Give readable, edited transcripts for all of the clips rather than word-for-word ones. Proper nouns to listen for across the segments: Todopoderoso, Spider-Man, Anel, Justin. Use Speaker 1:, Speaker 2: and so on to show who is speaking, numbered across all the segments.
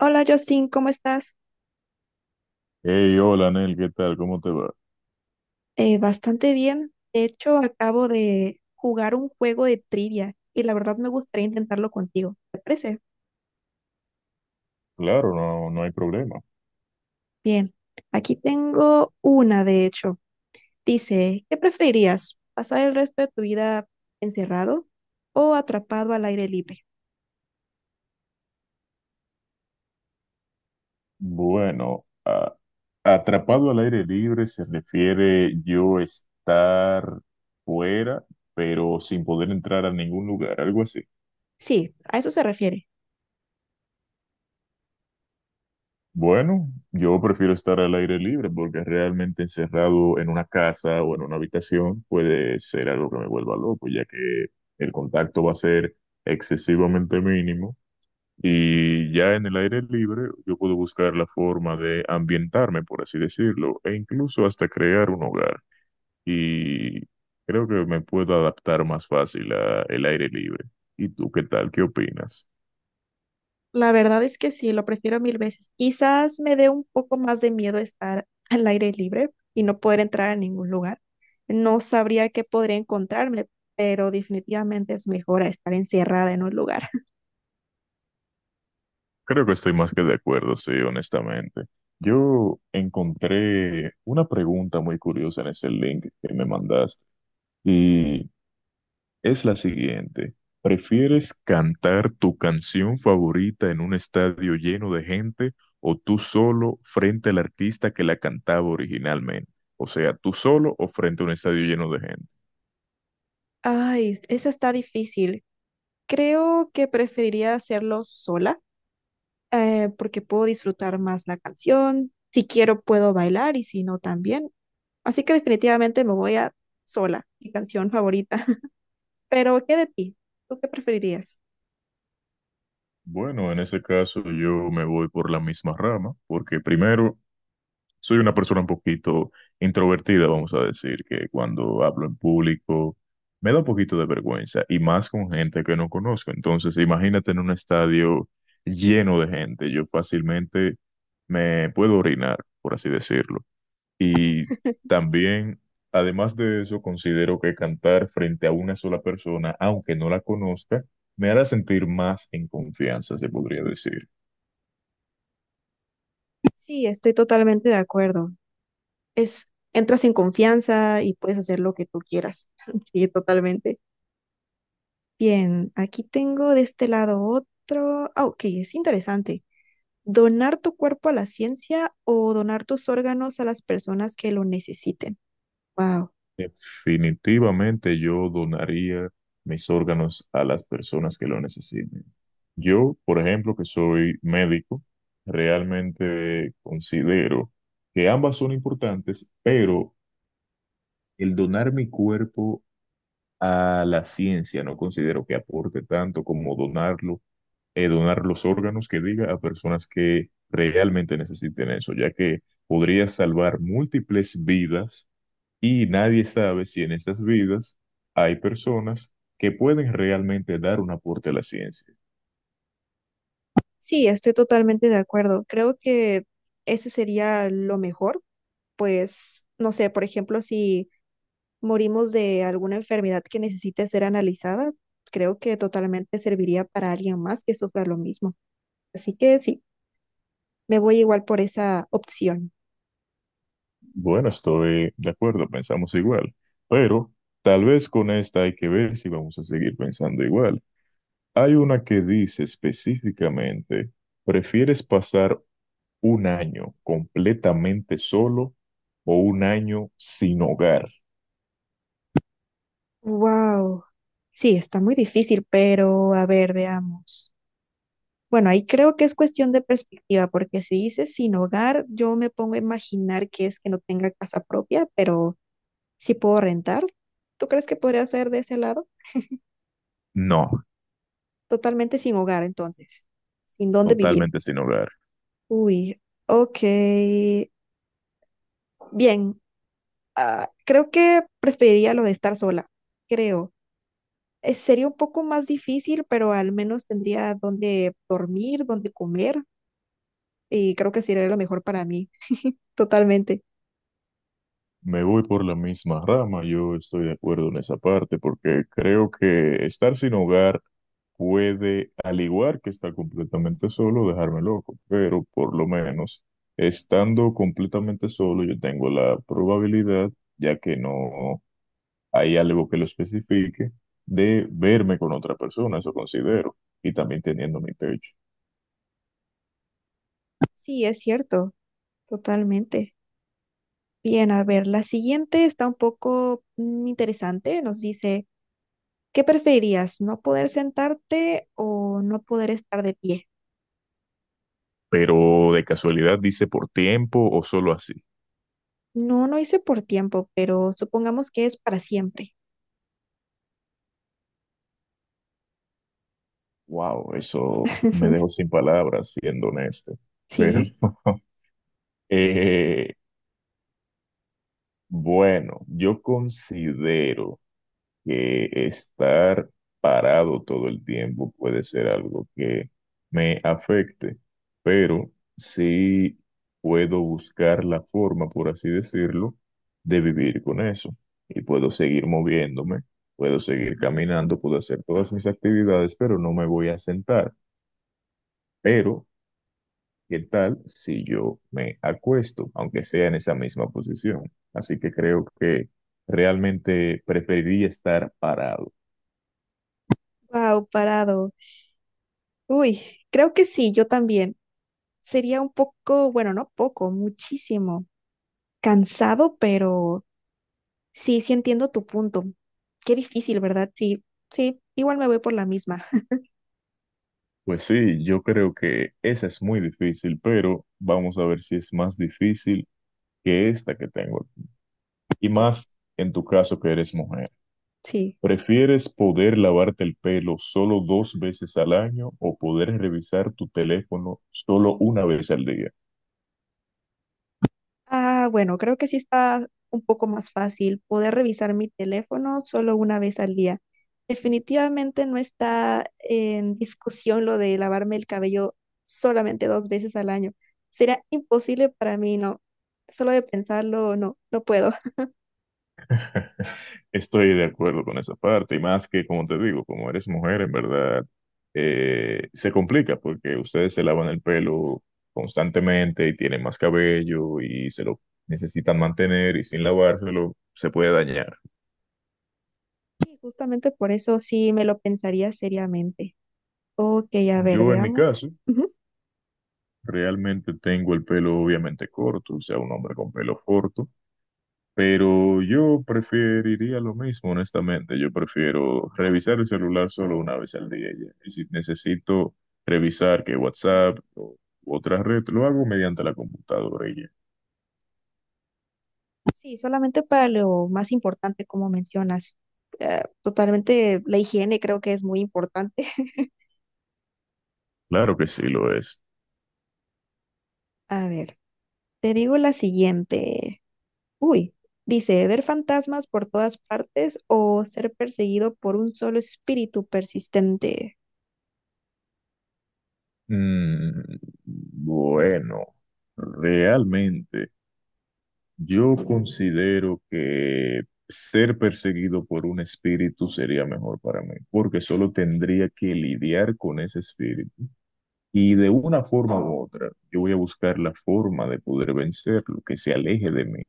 Speaker 1: Hola, Justin, ¿cómo estás?
Speaker 2: Hey, hola, Anel, ¿qué tal? ¿Cómo te va?
Speaker 1: Bastante bien. De hecho, acabo de jugar un juego de trivia y la verdad me gustaría intentarlo contigo. ¿Te parece?
Speaker 2: Claro, no, no hay problema.
Speaker 1: Bien. Aquí tengo una, de hecho. Dice, ¿qué preferirías? ¿Pasar el resto de tu vida encerrado o atrapado al aire libre?
Speaker 2: Bueno, atrapado al aire libre se refiere yo estar fuera, pero sin poder entrar a ningún lugar, algo así.
Speaker 1: Sí, a eso se refiere.
Speaker 2: Bueno, yo prefiero estar al aire libre porque realmente encerrado en una casa o en una habitación puede ser algo que me vuelva loco, ya que el contacto va a ser excesivamente mínimo. Y ya en el aire libre yo puedo buscar la forma de ambientarme, por así decirlo, e incluso hasta crear un hogar. Y creo que me puedo adaptar más fácil al aire libre. ¿Y tú qué tal? ¿Qué opinas?
Speaker 1: La verdad es que sí, lo prefiero mil veces. Quizás me dé un poco más de miedo estar al aire libre y no poder entrar a ningún lugar. No sabría qué podría encontrarme, pero definitivamente es mejor a estar encerrada en un lugar.
Speaker 2: Creo que estoy más que de acuerdo, sí, honestamente. Yo encontré una pregunta muy curiosa en ese link que me mandaste. Y es la siguiente. ¿Prefieres cantar tu canción favorita en un estadio lleno de gente o tú solo frente al artista que la cantaba originalmente? O sea, tú solo o frente a un estadio lleno de gente.
Speaker 1: Ay, esa está difícil. Creo que preferiría hacerlo sola, porque puedo disfrutar más la canción. Si quiero, puedo bailar y si no, también. Así que definitivamente me voy a sola, mi canción favorita. Pero, ¿qué de ti? ¿Tú qué preferirías?
Speaker 2: Bueno, en ese caso yo me voy por la misma rama, porque primero soy una persona un poquito introvertida, vamos a decir, que cuando hablo en público me da un poquito de vergüenza y más con gente que no conozco. Entonces, imagínate en un estadio lleno de gente, yo fácilmente me puedo orinar, por así decirlo. Y también, además de eso, considero que cantar frente a una sola persona, aunque no la conozca, me hará sentir más en confianza, se podría decir.
Speaker 1: Sí, estoy totalmente de acuerdo. Es, entras en confianza y puedes hacer lo que tú quieras. Sí, totalmente. Bien, aquí tengo de este lado otro. Ah, ok, es interesante. ¿Donar tu cuerpo a la ciencia o donar tus órganos a las personas que lo necesiten? Wow.
Speaker 2: Definitivamente yo donaría mis órganos a las personas que lo necesiten. Yo, por ejemplo, que soy médico, realmente considero que ambas son importantes, pero el donar mi cuerpo a la ciencia no considero que aporte tanto como donarlo, donar los órganos que diga a personas que realmente necesiten eso, ya que podría salvar múltiples vidas y nadie sabe si en esas vidas hay personas que pueden realmente dar un aporte a la ciencia.
Speaker 1: Sí, estoy totalmente de acuerdo. Creo que ese sería lo mejor. Pues no sé, por ejemplo, si morimos de alguna enfermedad que necesite ser analizada, creo que totalmente serviría para alguien más que sufra lo mismo. Así que sí, me voy igual por esa opción.
Speaker 2: Bueno, estoy de acuerdo, pensamos igual, pero tal vez con esta hay que ver si vamos a seguir pensando igual. Hay una que dice específicamente, ¿prefieres pasar un año completamente solo o un año sin hogar?
Speaker 1: Wow. Sí, está muy difícil, pero a ver, veamos. Bueno, ahí creo que es cuestión de perspectiva, porque si dices sin hogar, yo me pongo a imaginar que es que no tenga casa propia, pero sí puedo rentar. ¿Tú crees que podría ser de ese lado?
Speaker 2: No,
Speaker 1: Totalmente sin hogar, entonces, sin dónde vivir.
Speaker 2: totalmente sin hogar.
Speaker 1: Uy, ok. Bien, ah, creo que preferiría lo de estar sola, creo. Sería un poco más difícil, pero al menos tendría donde dormir, donde comer, y creo que sería lo mejor para mí, totalmente.
Speaker 2: Me voy por la misma rama, yo estoy de acuerdo en esa parte, porque creo que estar sin hogar puede, al igual que estar completamente solo, dejarme loco, pero por lo menos estando completamente solo, yo tengo la probabilidad, ya que no hay algo que lo especifique, de verme con otra persona, eso considero, y también teniendo mi pecho.
Speaker 1: Sí, es cierto, totalmente. Bien, a ver, la siguiente está un poco interesante. Nos dice, ¿qué preferirías? ¿No poder sentarte o no poder estar de pie?
Speaker 2: Pero de casualidad dice por tiempo o solo así.
Speaker 1: No, no hice por tiempo, pero supongamos que es para siempre.
Speaker 2: Wow, eso me dejó sin palabras, siendo honesto. Pero
Speaker 1: Sí,
Speaker 2: eh, bueno, yo considero que estar parado todo el tiempo puede ser algo que me afecte, pero sí puedo buscar la forma, por así decirlo, de vivir con eso. Y puedo seguir moviéndome, puedo seguir caminando, puedo hacer todas mis actividades, pero no me voy a sentar. Pero, ¿qué tal si yo me acuesto, aunque sea en esa misma posición? Así que creo que realmente preferiría estar parado.
Speaker 1: wow, parado. Uy, creo que sí, yo también. Sería un poco, bueno, no poco, muchísimo. Cansado, pero sí, sí entiendo tu punto. Qué difícil, ¿verdad? Sí, sí, igual me voy por la misma.
Speaker 2: Pues sí, yo creo que esa es muy difícil, pero vamos a ver si es más difícil que esta que tengo aquí. Y
Speaker 1: Ok,
Speaker 2: más en tu caso que eres mujer.
Speaker 1: sí.
Speaker 2: ¿Prefieres poder lavarte el pelo solo dos veces al año o poder revisar tu teléfono solo una vez al día?
Speaker 1: Ah, bueno, creo que sí está un poco más fácil poder revisar mi teléfono solo una vez al día. Definitivamente no está en discusión lo de lavarme el cabello solamente dos veces al año. Será imposible para mí, no. Solo de pensarlo, no, no puedo.
Speaker 2: Estoy de acuerdo con esa parte, y más que, como te digo, como eres mujer, en verdad, se complica porque ustedes se lavan el pelo constantemente y tienen más cabello y se lo necesitan mantener y sin lavárselo se puede dañar.
Speaker 1: Y justamente por eso sí me lo pensaría seriamente. Ok, a ver,
Speaker 2: Yo, en mi
Speaker 1: veamos.
Speaker 2: caso,
Speaker 1: Ujú.
Speaker 2: realmente tengo el pelo obviamente corto, o sea, un hombre con pelo corto. Pero yo preferiría lo mismo, honestamente. Yo prefiero revisar el celular solo una vez al día. Ya. Y si necesito revisar que WhatsApp o u otra red, lo hago mediante la computadora. Y ya.
Speaker 1: Sí, solamente para lo más importante, como mencionas. Totalmente, la higiene creo que es muy importante.
Speaker 2: Claro que sí lo es.
Speaker 1: A ver. Te digo la siguiente. Uy, dice, ver fantasmas por todas partes o ser perseguido por un solo espíritu persistente.
Speaker 2: Mm, bueno, realmente yo considero que ser perseguido por un espíritu sería mejor para mí, porque solo tendría que lidiar con ese espíritu. Y de una forma u otra, yo voy a buscar la forma de poder vencerlo, que se aleje de mí.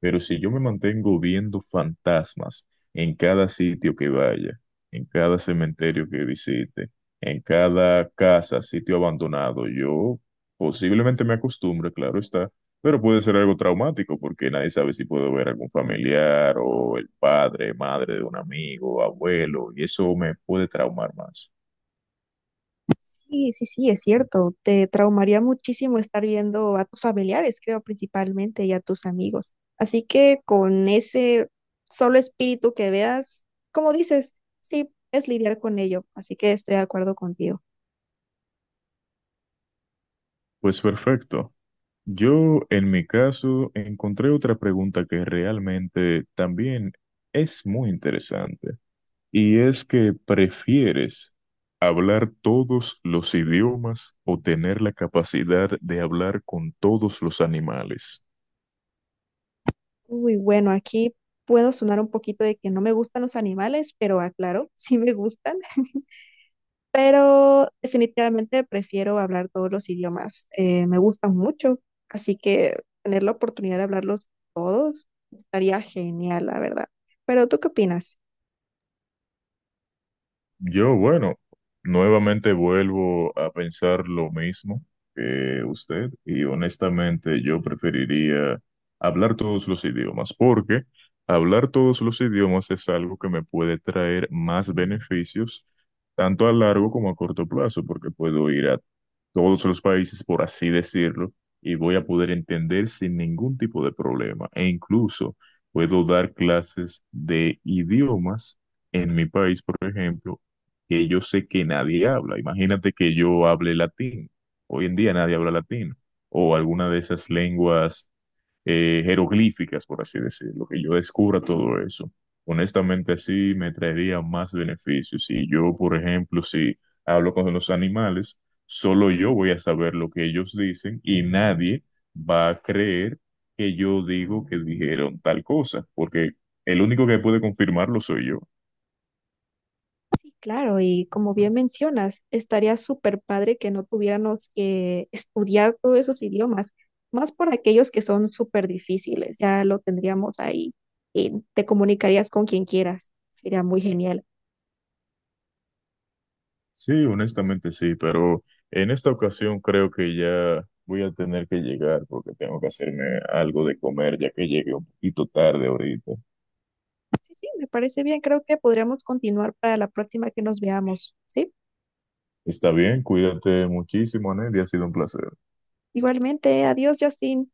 Speaker 2: Pero si yo me mantengo viendo fantasmas en cada sitio que vaya, en cada cementerio que visite, en cada casa, sitio abandonado, yo posiblemente me acostumbre, claro está, pero puede ser algo traumático porque nadie sabe si puedo ver algún familiar o el padre, madre de un amigo, abuelo, y eso me puede traumar más.
Speaker 1: Sí, sí, sí, es cierto. Te traumaría muchísimo estar viendo a tus familiares, creo, principalmente, y a tus amigos. Así que con ese solo espíritu que veas, como dices, sí, es lidiar con ello. Así que estoy de acuerdo contigo.
Speaker 2: Pues perfecto. Yo, en mi caso, encontré otra pregunta que realmente también es muy interesante, y es que ¿prefieres hablar todos los idiomas o tener la capacidad de hablar con todos los animales?
Speaker 1: Uy, bueno, aquí puedo sonar un poquito de que no me gustan los animales, pero aclaro, sí me gustan. Pero definitivamente prefiero hablar todos los idiomas. Me gustan mucho, así que tener la oportunidad de hablarlos todos estaría genial, la verdad. Pero ¿tú qué opinas?
Speaker 2: Yo, bueno, nuevamente vuelvo a pensar lo mismo que usted y honestamente yo preferiría hablar todos los idiomas porque hablar todos los idiomas es algo que me puede traer más beneficios tanto a largo como a corto plazo porque puedo ir a todos los países, por así decirlo, y voy a poder entender sin ningún tipo de problema. E incluso puedo dar clases de idiomas en mi país, por ejemplo, que yo sé que nadie habla. Imagínate que yo hable latín. Hoy en día nadie habla latín. O alguna de esas lenguas jeroglíficas, por así decirlo, que yo descubra todo eso. Honestamente, sí me traería más beneficios. Si yo, por ejemplo, si hablo con los animales, solo yo voy a saber lo que ellos dicen y nadie va a creer que yo digo que dijeron tal cosa, porque el único que puede confirmarlo soy yo.
Speaker 1: Claro, y como bien mencionas, estaría súper padre que no tuviéramos que estudiar todos esos idiomas, más por aquellos que son súper difíciles, ya lo tendríamos ahí y te comunicarías con quien quieras, sería muy genial.
Speaker 2: Sí, honestamente sí, pero en esta ocasión creo que ya voy a tener que llegar porque tengo que hacerme algo de comer ya que llegué un poquito tarde ahorita.
Speaker 1: Sí, sí, me parece bien, creo que podríamos continuar para la próxima que nos veamos, ¿sí?
Speaker 2: Está bien, cuídate muchísimo, Nelly, ha sido un placer.
Speaker 1: Igualmente, adiós, Justin.